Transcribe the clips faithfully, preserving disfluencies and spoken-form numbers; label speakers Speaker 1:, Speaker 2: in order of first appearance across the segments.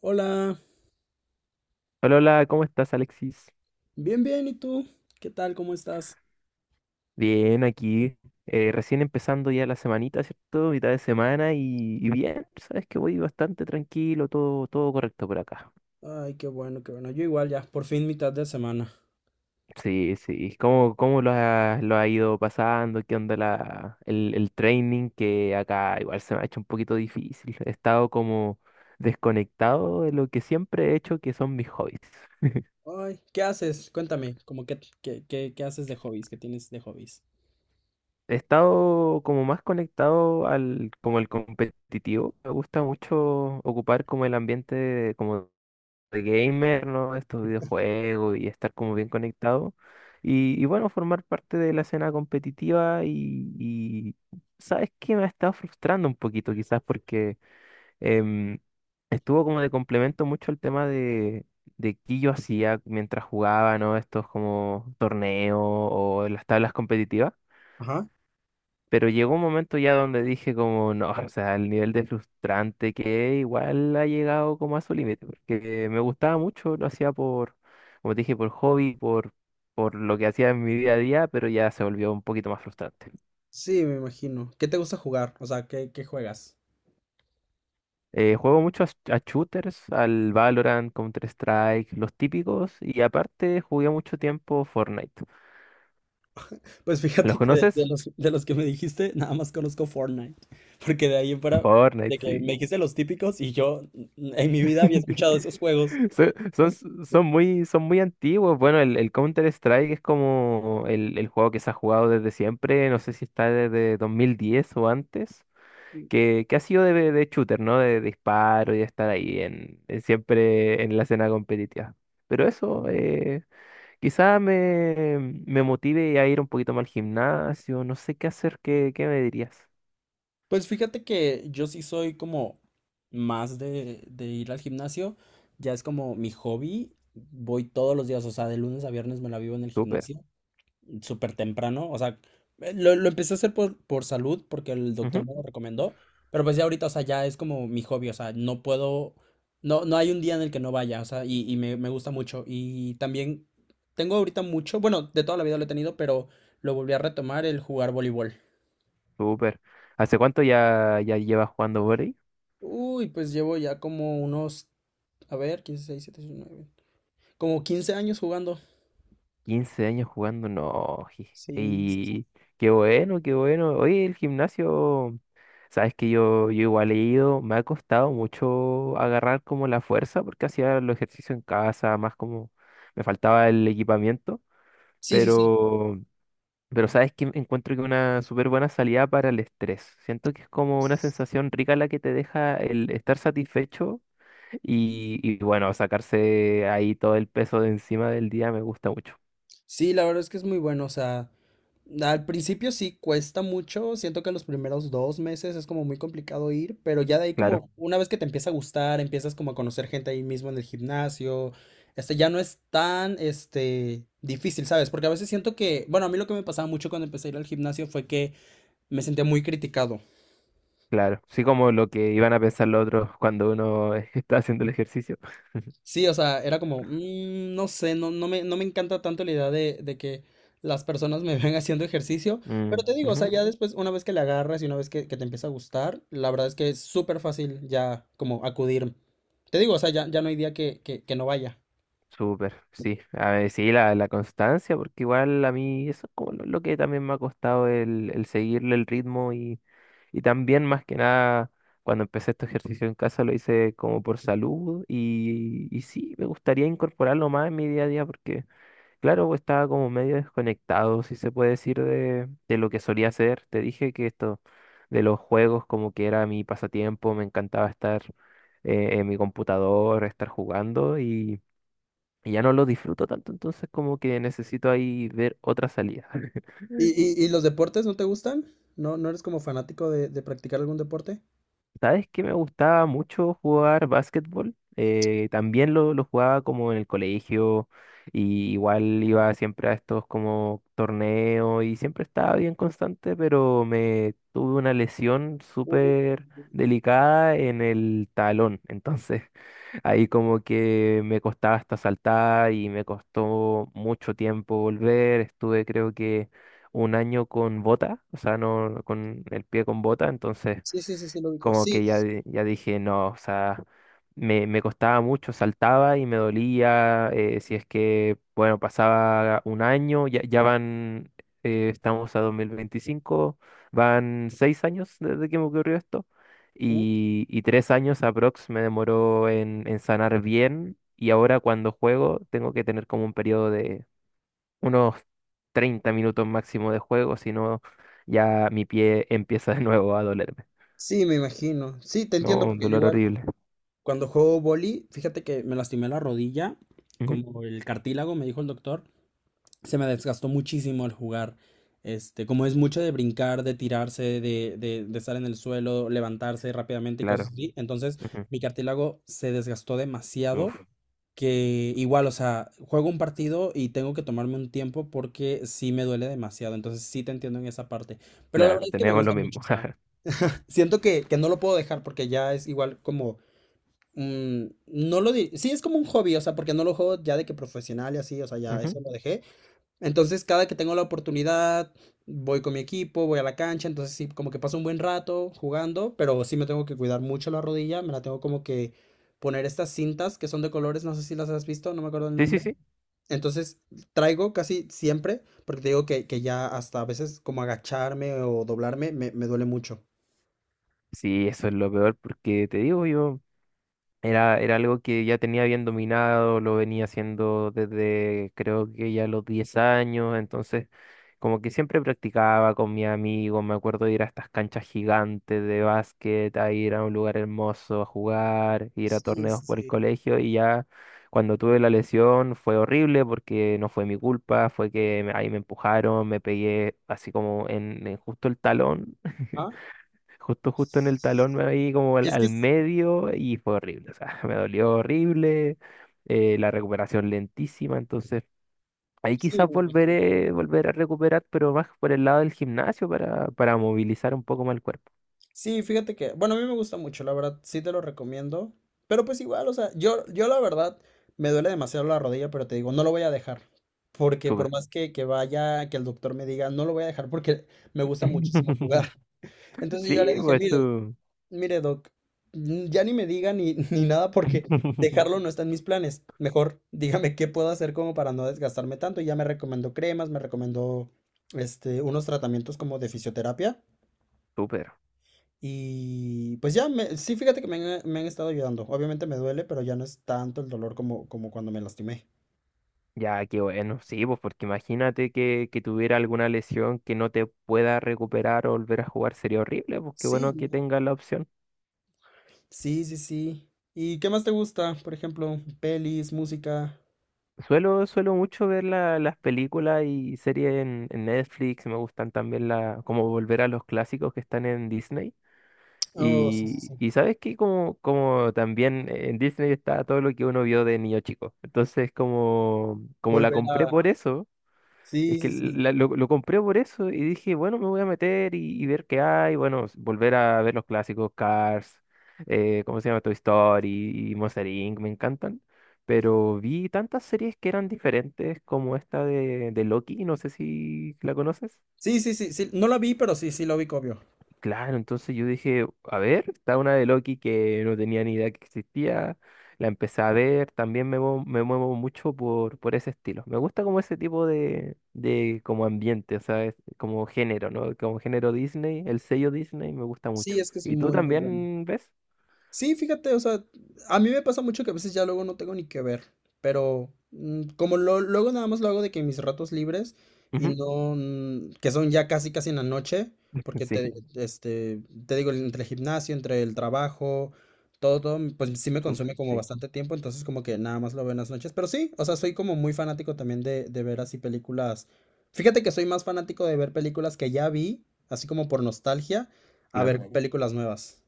Speaker 1: Hola,
Speaker 2: Hola, hola, ¿cómo estás, Alexis?
Speaker 1: bien, bien, ¿y tú? ¿Qué tal? ¿Cómo estás?
Speaker 2: Bien, aquí, eh, recién empezando ya la semanita, ¿cierto? Mitad de semana y, y bien, sabes que voy bastante tranquilo, todo, todo correcto por acá.
Speaker 1: Ay, qué bueno, qué bueno. Yo igual ya, por fin mitad de semana.
Speaker 2: Sí, sí. ¿Cómo, cómo lo ha, lo ha ido pasando? ¿Qué onda la, el, el training? Que acá igual se me ha hecho un poquito difícil. He estado como desconectado de lo que siempre he hecho, que son mis hobbies.
Speaker 1: Ay, ¿qué haces? Cuéntame, como qué, qué, qué, qué haces de hobbies? ¿Qué tienes de hobbies?
Speaker 2: He estado como más conectado al como el competitivo. Me gusta mucho ocupar como el ambiente de- como de gamer, ¿no? Estos videojuegos y estar como bien conectado. Y, y bueno, formar parte de la escena competitiva y, y ¿sabes qué? Me ha estado frustrando un poquito quizás porque em, estuvo como de complemento mucho el tema de, de qué yo hacía mientras jugaba, ¿no? Estos como torneos o las tablas competitivas.
Speaker 1: Ajá.
Speaker 2: Pero llegó un momento ya donde dije como, no, o sea, el nivel de frustrante que es, igual ha llegado como a su límite, porque me gustaba mucho, lo hacía por, como te dije, por hobby, por, por lo que hacía en mi día a día, pero ya se volvió un poquito más frustrante.
Speaker 1: Sí, me imagino. ¿Qué te gusta jugar? O sea, ¿qué, qué juegas?
Speaker 2: Eh, juego mucho a, sh- a shooters, al Valorant, Counter-Strike, los típicos, y aparte jugué mucho tiempo Fortnite.
Speaker 1: Pues
Speaker 2: ¿Los
Speaker 1: fíjate que de
Speaker 2: conoces?
Speaker 1: los, de los que me dijiste, nada más conozco Fortnite. Porque de ahí en fuera, de
Speaker 2: Fortnite,
Speaker 1: que me
Speaker 2: sí.
Speaker 1: dijiste los típicos y yo n- en mi vida había escuchado esos juegos.
Speaker 2: Son, son, son muy, son muy antiguos. Bueno, el, el Counter-Strike es como el, el juego que se ha jugado desde siempre. No sé si está desde dos mil diez o antes. Que, que ha sido de, de shooter, ¿no? De, de disparo y de estar ahí en, en siempre en la escena competitiva. Pero eso, eh, quizá me, me motive a ir un poquito más al gimnasio. No sé qué hacer. ¿Qué, qué me dirías?
Speaker 1: Pues fíjate que yo sí soy como más de, de ir al gimnasio, ya es como mi hobby, voy todos los días, o sea, de lunes a viernes me la vivo en el
Speaker 2: Súper.
Speaker 1: gimnasio, súper temprano, o sea, eh, lo, lo empecé a hacer por, por salud porque el
Speaker 2: Ujú.
Speaker 1: doctor me lo recomendó, pero pues ya ahorita, o sea, ya es como mi hobby, o sea, no puedo, no, no hay un día en el que no vaya, o sea, y, y me, me gusta mucho, y también tengo ahorita mucho, bueno, de toda la vida lo he tenido, pero lo volví a retomar el jugar voleibol.
Speaker 2: Súper. ¿Hace cuánto ya, ya llevas jugando por
Speaker 1: Uy, pues llevo ya como unos. A ver, quince, seis, siete, ocho, nueve. Como quince años jugando.
Speaker 2: quince años jugando, no. ji-
Speaker 1: Sí,
Speaker 2: Y qué bueno, qué bueno. Oye, el gimnasio, sabes que yo, yo igual he ido, me ha costado mucho agarrar como la fuerza porque hacía los ejercicios en casa, más como me faltaba el equipamiento,
Speaker 1: sí, sí, sí.
Speaker 2: pero, pero sabes que encuentro que una súper buena salida para el estrés. Siento que es como una sensación rica la que te deja el estar satisfecho y, y bueno, sacarse ahí todo el peso de encima del día me gusta mucho.
Speaker 1: Sí, la verdad es que es muy bueno. O sea, al principio sí cuesta mucho. Siento que los primeros dos meses es como muy complicado ir, pero ya de ahí
Speaker 2: Claro.
Speaker 1: como una vez que te empieza a gustar, empiezas como a conocer gente ahí mismo en el gimnasio. Este ya no es tan, este, difícil, ¿sabes? Porque a veces siento que, bueno, a mí lo que me pasaba mucho cuando empecé a ir al gimnasio fue que me sentía muy criticado.
Speaker 2: Claro, sí como lo que iban a pensar los otros cuando uno está haciendo el ejercicio.
Speaker 1: Sí, o sea, era como, "Mm, no sé, no, no me, no me encanta tanto la idea de, de que las personas me vean haciendo ejercicio, pero
Speaker 2: Mm,
Speaker 1: te digo, o sea,
Speaker 2: ujú.
Speaker 1: ya después, una vez que le agarras y una vez que, que te empieza a gustar, la verdad es que es súper fácil ya como acudir. Te digo, o sea, ya, ya no hay día que, que, que no vaya.
Speaker 2: Súper, sí. A ver, sí, la, la constancia, porque igual a mí eso es como lo, lo que también me ha costado el, el seguirle el ritmo y, y también más que nada cuando empecé este ejercicio en casa lo hice como por salud y, y sí, me gustaría incorporarlo más en mi día a día porque claro, pues, estaba como medio desconectado, si se puede decir, de, de lo que solía hacer. Te dije que esto de los juegos como que era mi pasatiempo, me encantaba estar eh, en mi computador, estar jugando y, y ya no lo disfruto tanto, entonces como que necesito ahí ver otra salida.
Speaker 1: ¿Y, y, y los deportes no te gustan? ¿No, no eres como fanático de, de practicar algún deporte?
Speaker 2: ¿Sabes qué me gustaba mucho jugar básquetbol? Eh, también lo, lo jugaba como en el colegio y igual iba siempre a estos como torneos y siempre estaba bien constante, pero me tuve una lesión
Speaker 1: Uh,
Speaker 2: súper delicada en el talón. Entonces ahí como que me costaba hasta saltar y me costó mucho tiempo volver. Estuve creo que un año con bota, o sea, no con el pie con bota, entonces
Speaker 1: sí, sí, sí, sí, lo ubico.
Speaker 2: como
Speaker 1: Sí,
Speaker 2: que ya,
Speaker 1: s-
Speaker 2: di- ya dije, no, o sea, me, me costaba mucho, saltaba y me dolía, eh, si es que, bueno, pasaba un año, ya, ya van, eh, estamos a dos mil veinticinco, van seis años desde que me ocurrió esto,
Speaker 1: uh,
Speaker 2: y, y tres años aprox me demoró en, en sanar bien, y ahora cuando juego tengo que tener como un periodo de unos treinta minutos máximo de juego, si no, ya mi pie empieza de nuevo a dolerme,
Speaker 1: sí, me imagino. Sí, te entiendo,
Speaker 2: ¿no? Un
Speaker 1: porque yo
Speaker 2: dolor
Speaker 1: igual,
Speaker 2: horrible.
Speaker 1: cuando juego boli, fíjate que me lastimé la rodilla,
Speaker 2: Ujú.
Speaker 1: como el cartílago, me dijo el doctor, se me desgastó muchísimo al jugar. Este, como es mucho de brincar, de tirarse, de, de, de estar en el suelo, levantarse rápidamente y cosas
Speaker 2: Claro.
Speaker 1: así, entonces
Speaker 2: Ujú.
Speaker 1: mi cartílago se desgastó demasiado
Speaker 2: Uf,
Speaker 1: que igual, o sea, juego un partido y tengo que tomarme un tiempo porque sí me duele demasiado, entonces sí te entiendo en esa parte, pero la
Speaker 2: claro,
Speaker 1: verdad es que me
Speaker 2: tenemos lo
Speaker 1: gusta mucho,
Speaker 2: mismo.
Speaker 1: o sea,
Speaker 2: Jaja.
Speaker 1: siento que, que no lo puedo dejar porque ya es igual como mm, no lo di- sí, es como un hobby, o sea, porque no lo juego ya de que profesional y así, o sea, ya
Speaker 2: Ujú.
Speaker 1: eso lo dejé. Entonces, cada que tengo la oportunidad, voy con mi equipo, voy a la cancha, entonces sí, como que paso un buen rato jugando, pero sí me tengo que cuidar mucho la rodilla, me la tengo como que poner estas cintas que son de colores, no sé si las has visto, no me acuerdo el
Speaker 2: Sí, sí,
Speaker 1: nombre.
Speaker 2: sí.
Speaker 1: Entonces, traigo casi siempre, porque te digo que, que ya hasta a veces como agacharme o doblarme me, me duele mucho.
Speaker 2: Sí, eso es lo peor porque te digo, yo era, era algo que ya tenía bien dominado, lo venía haciendo desde creo que ya los diez años, entonces como que siempre practicaba con mi amigo, me acuerdo de ir a estas canchas gigantes de básquet, a ir a un lugar hermoso a jugar, ir a
Speaker 1: Sí,
Speaker 2: torneos
Speaker 1: sí,
Speaker 2: por el
Speaker 1: sí.
Speaker 2: colegio y ya cuando tuve la lesión fue horrible porque no fue mi culpa, fue que me- ahí me empujaron, me pegué así como en, en justo el talón.
Speaker 1: Ah,
Speaker 2: Justo, justo en el talón me ahí como al,
Speaker 1: Es que
Speaker 2: al
Speaker 1: es-
Speaker 2: medio y fue horrible. O sea, me dolió horrible, eh, la recuperación lentísima. Entonces, ahí
Speaker 1: sí,
Speaker 2: quizás
Speaker 1: me imagino.
Speaker 2: volveré, volver a recuperar, pero más por el lado del gimnasio para, para movilizar un poco más el cuerpo.
Speaker 1: Sí, fíjate que, bueno, a mí me gusta mucho, la verdad, sí te lo recomiendo, pero pues igual, o sea, yo, yo la verdad me duele demasiado la rodilla, pero te digo, no lo voy a dejar, porque por
Speaker 2: Súper.
Speaker 1: más que, que vaya, que el doctor me diga, no lo voy a dejar porque me gusta muchísimo jugar. Entonces yo ya le
Speaker 2: Sí,
Speaker 1: dije,
Speaker 2: pues
Speaker 1: mire,
Speaker 2: tú.
Speaker 1: mire, Doc, mm, ya ni me diga ni, ni nada porque dejarlo no está en mis planes. Mejor dígame qué puedo hacer como para no desgastarme tanto. Y ya me recomendó cremas, me recomendó este, unos tratamientos como de fisioterapia.
Speaker 2: Súper.
Speaker 1: Y pues ya, me, sí, fíjate que me han, me han estado ayudando. Obviamente me duele, pero ya no es tanto el dolor como, como cuando me lastimé.
Speaker 2: Ya, qué bueno. Sí, pues porque imagínate que, que tuviera alguna lesión que no te pueda recuperar o volver a jugar. Sería horrible, pues qué
Speaker 1: Sí,
Speaker 2: bueno que tengas la opción.
Speaker 1: sí, sí, sí. ¿Y qué más te gusta? Por ejemplo, pelis, música.
Speaker 2: Suelo, suelo mucho ver la- las películas y series en, en Netflix, me gustan también la, como volver a los clásicos que están en Disney.
Speaker 1: Oh, sí, sí,
Speaker 2: Y,
Speaker 1: sí.
Speaker 2: y sabes que como, como también en Disney está todo lo que uno vio de niño chico. Entonces como, como la
Speaker 1: Volver
Speaker 2: compré
Speaker 1: a...
Speaker 2: por eso, es
Speaker 1: Sí,
Speaker 2: que
Speaker 1: sí, sí.
Speaker 2: la- lo, lo compré por eso y dije, bueno, me voy a meter y, y ver qué hay. Bueno, s- volver a ver los clásicos Cars, eh, ¿cómo se llama? Toy Story y Monster inc. Me encantan. Pero vi tantas series que eran diferentes como esta de, de Loki, no sé si la conoces.
Speaker 1: Sí, sí, sí, sí, no la vi, pero sí, sí lo vi, obvio.
Speaker 2: Claro, entonces yo dije, a ver, está una de Loki que no tenía ni idea que existía, la empecé a ver, también me, muevo- me muevo mucho por, por ese estilo. Me gusta como ese tipo de, de como ambiente, o sea, es como género, ¿no? Como género Disney, el sello Disney me gusta mucho.
Speaker 1: Sí, es que es
Speaker 2: ¿Y tú
Speaker 1: muy, muy bueno.
Speaker 2: también ves?
Speaker 1: Sí, fíjate, o sea, a mí me pasa mucho que a veces ya luego no tengo ni que ver, pero mm, como lo- luego nada más lo hago de que en mis ratos libres y
Speaker 2: Ujú.
Speaker 1: no, mm, que son ya casi casi en la noche, porque te,
Speaker 2: Sí,
Speaker 1: este, te digo, entre el gimnasio, entre el trabajo, todo, todo, pues sí me
Speaker 2: súper,
Speaker 1: consume como
Speaker 2: sí,
Speaker 1: bastante tiempo, entonces como que nada más lo veo en las noches, pero sí, o sea, soy como muy fanático también de, de ver así películas. Fíjate que soy más fanático de ver películas que ya vi, así como por nostalgia, a ver.
Speaker 2: claro.
Speaker 1: Claro. Películas nuevas.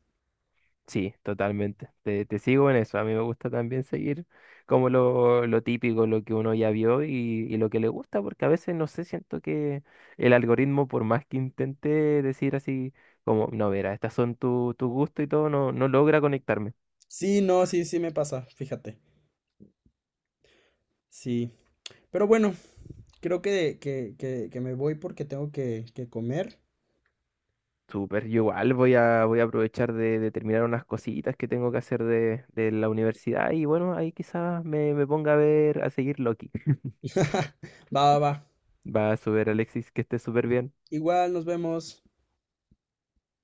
Speaker 2: Sí, totalmente. Te, te sigo en eso. A mí me gusta también seguir como lo, lo típico, lo que uno ya vio y, y lo que le gusta, porque a veces no sé, siento que el algoritmo, por más que intente decir así, como, no, verá, estas son tu, tu gusto y todo, no, no logra conectarme.
Speaker 1: Sí, no, sí, sí me pasa, fíjate. Sí. Pero bueno, creo que, que, que, que me voy porque tengo que, que comer.
Speaker 2: Súper, yo igual voy a, voy a aprovechar de, de terminar unas cositas que tengo que hacer de, de la universidad y bueno, ahí quizás me, me ponga a ver, a seguir Loki.
Speaker 1: Va, va, va.
Speaker 2: Va a subir Alexis, que esté súper bien.
Speaker 1: Igual nos vemos.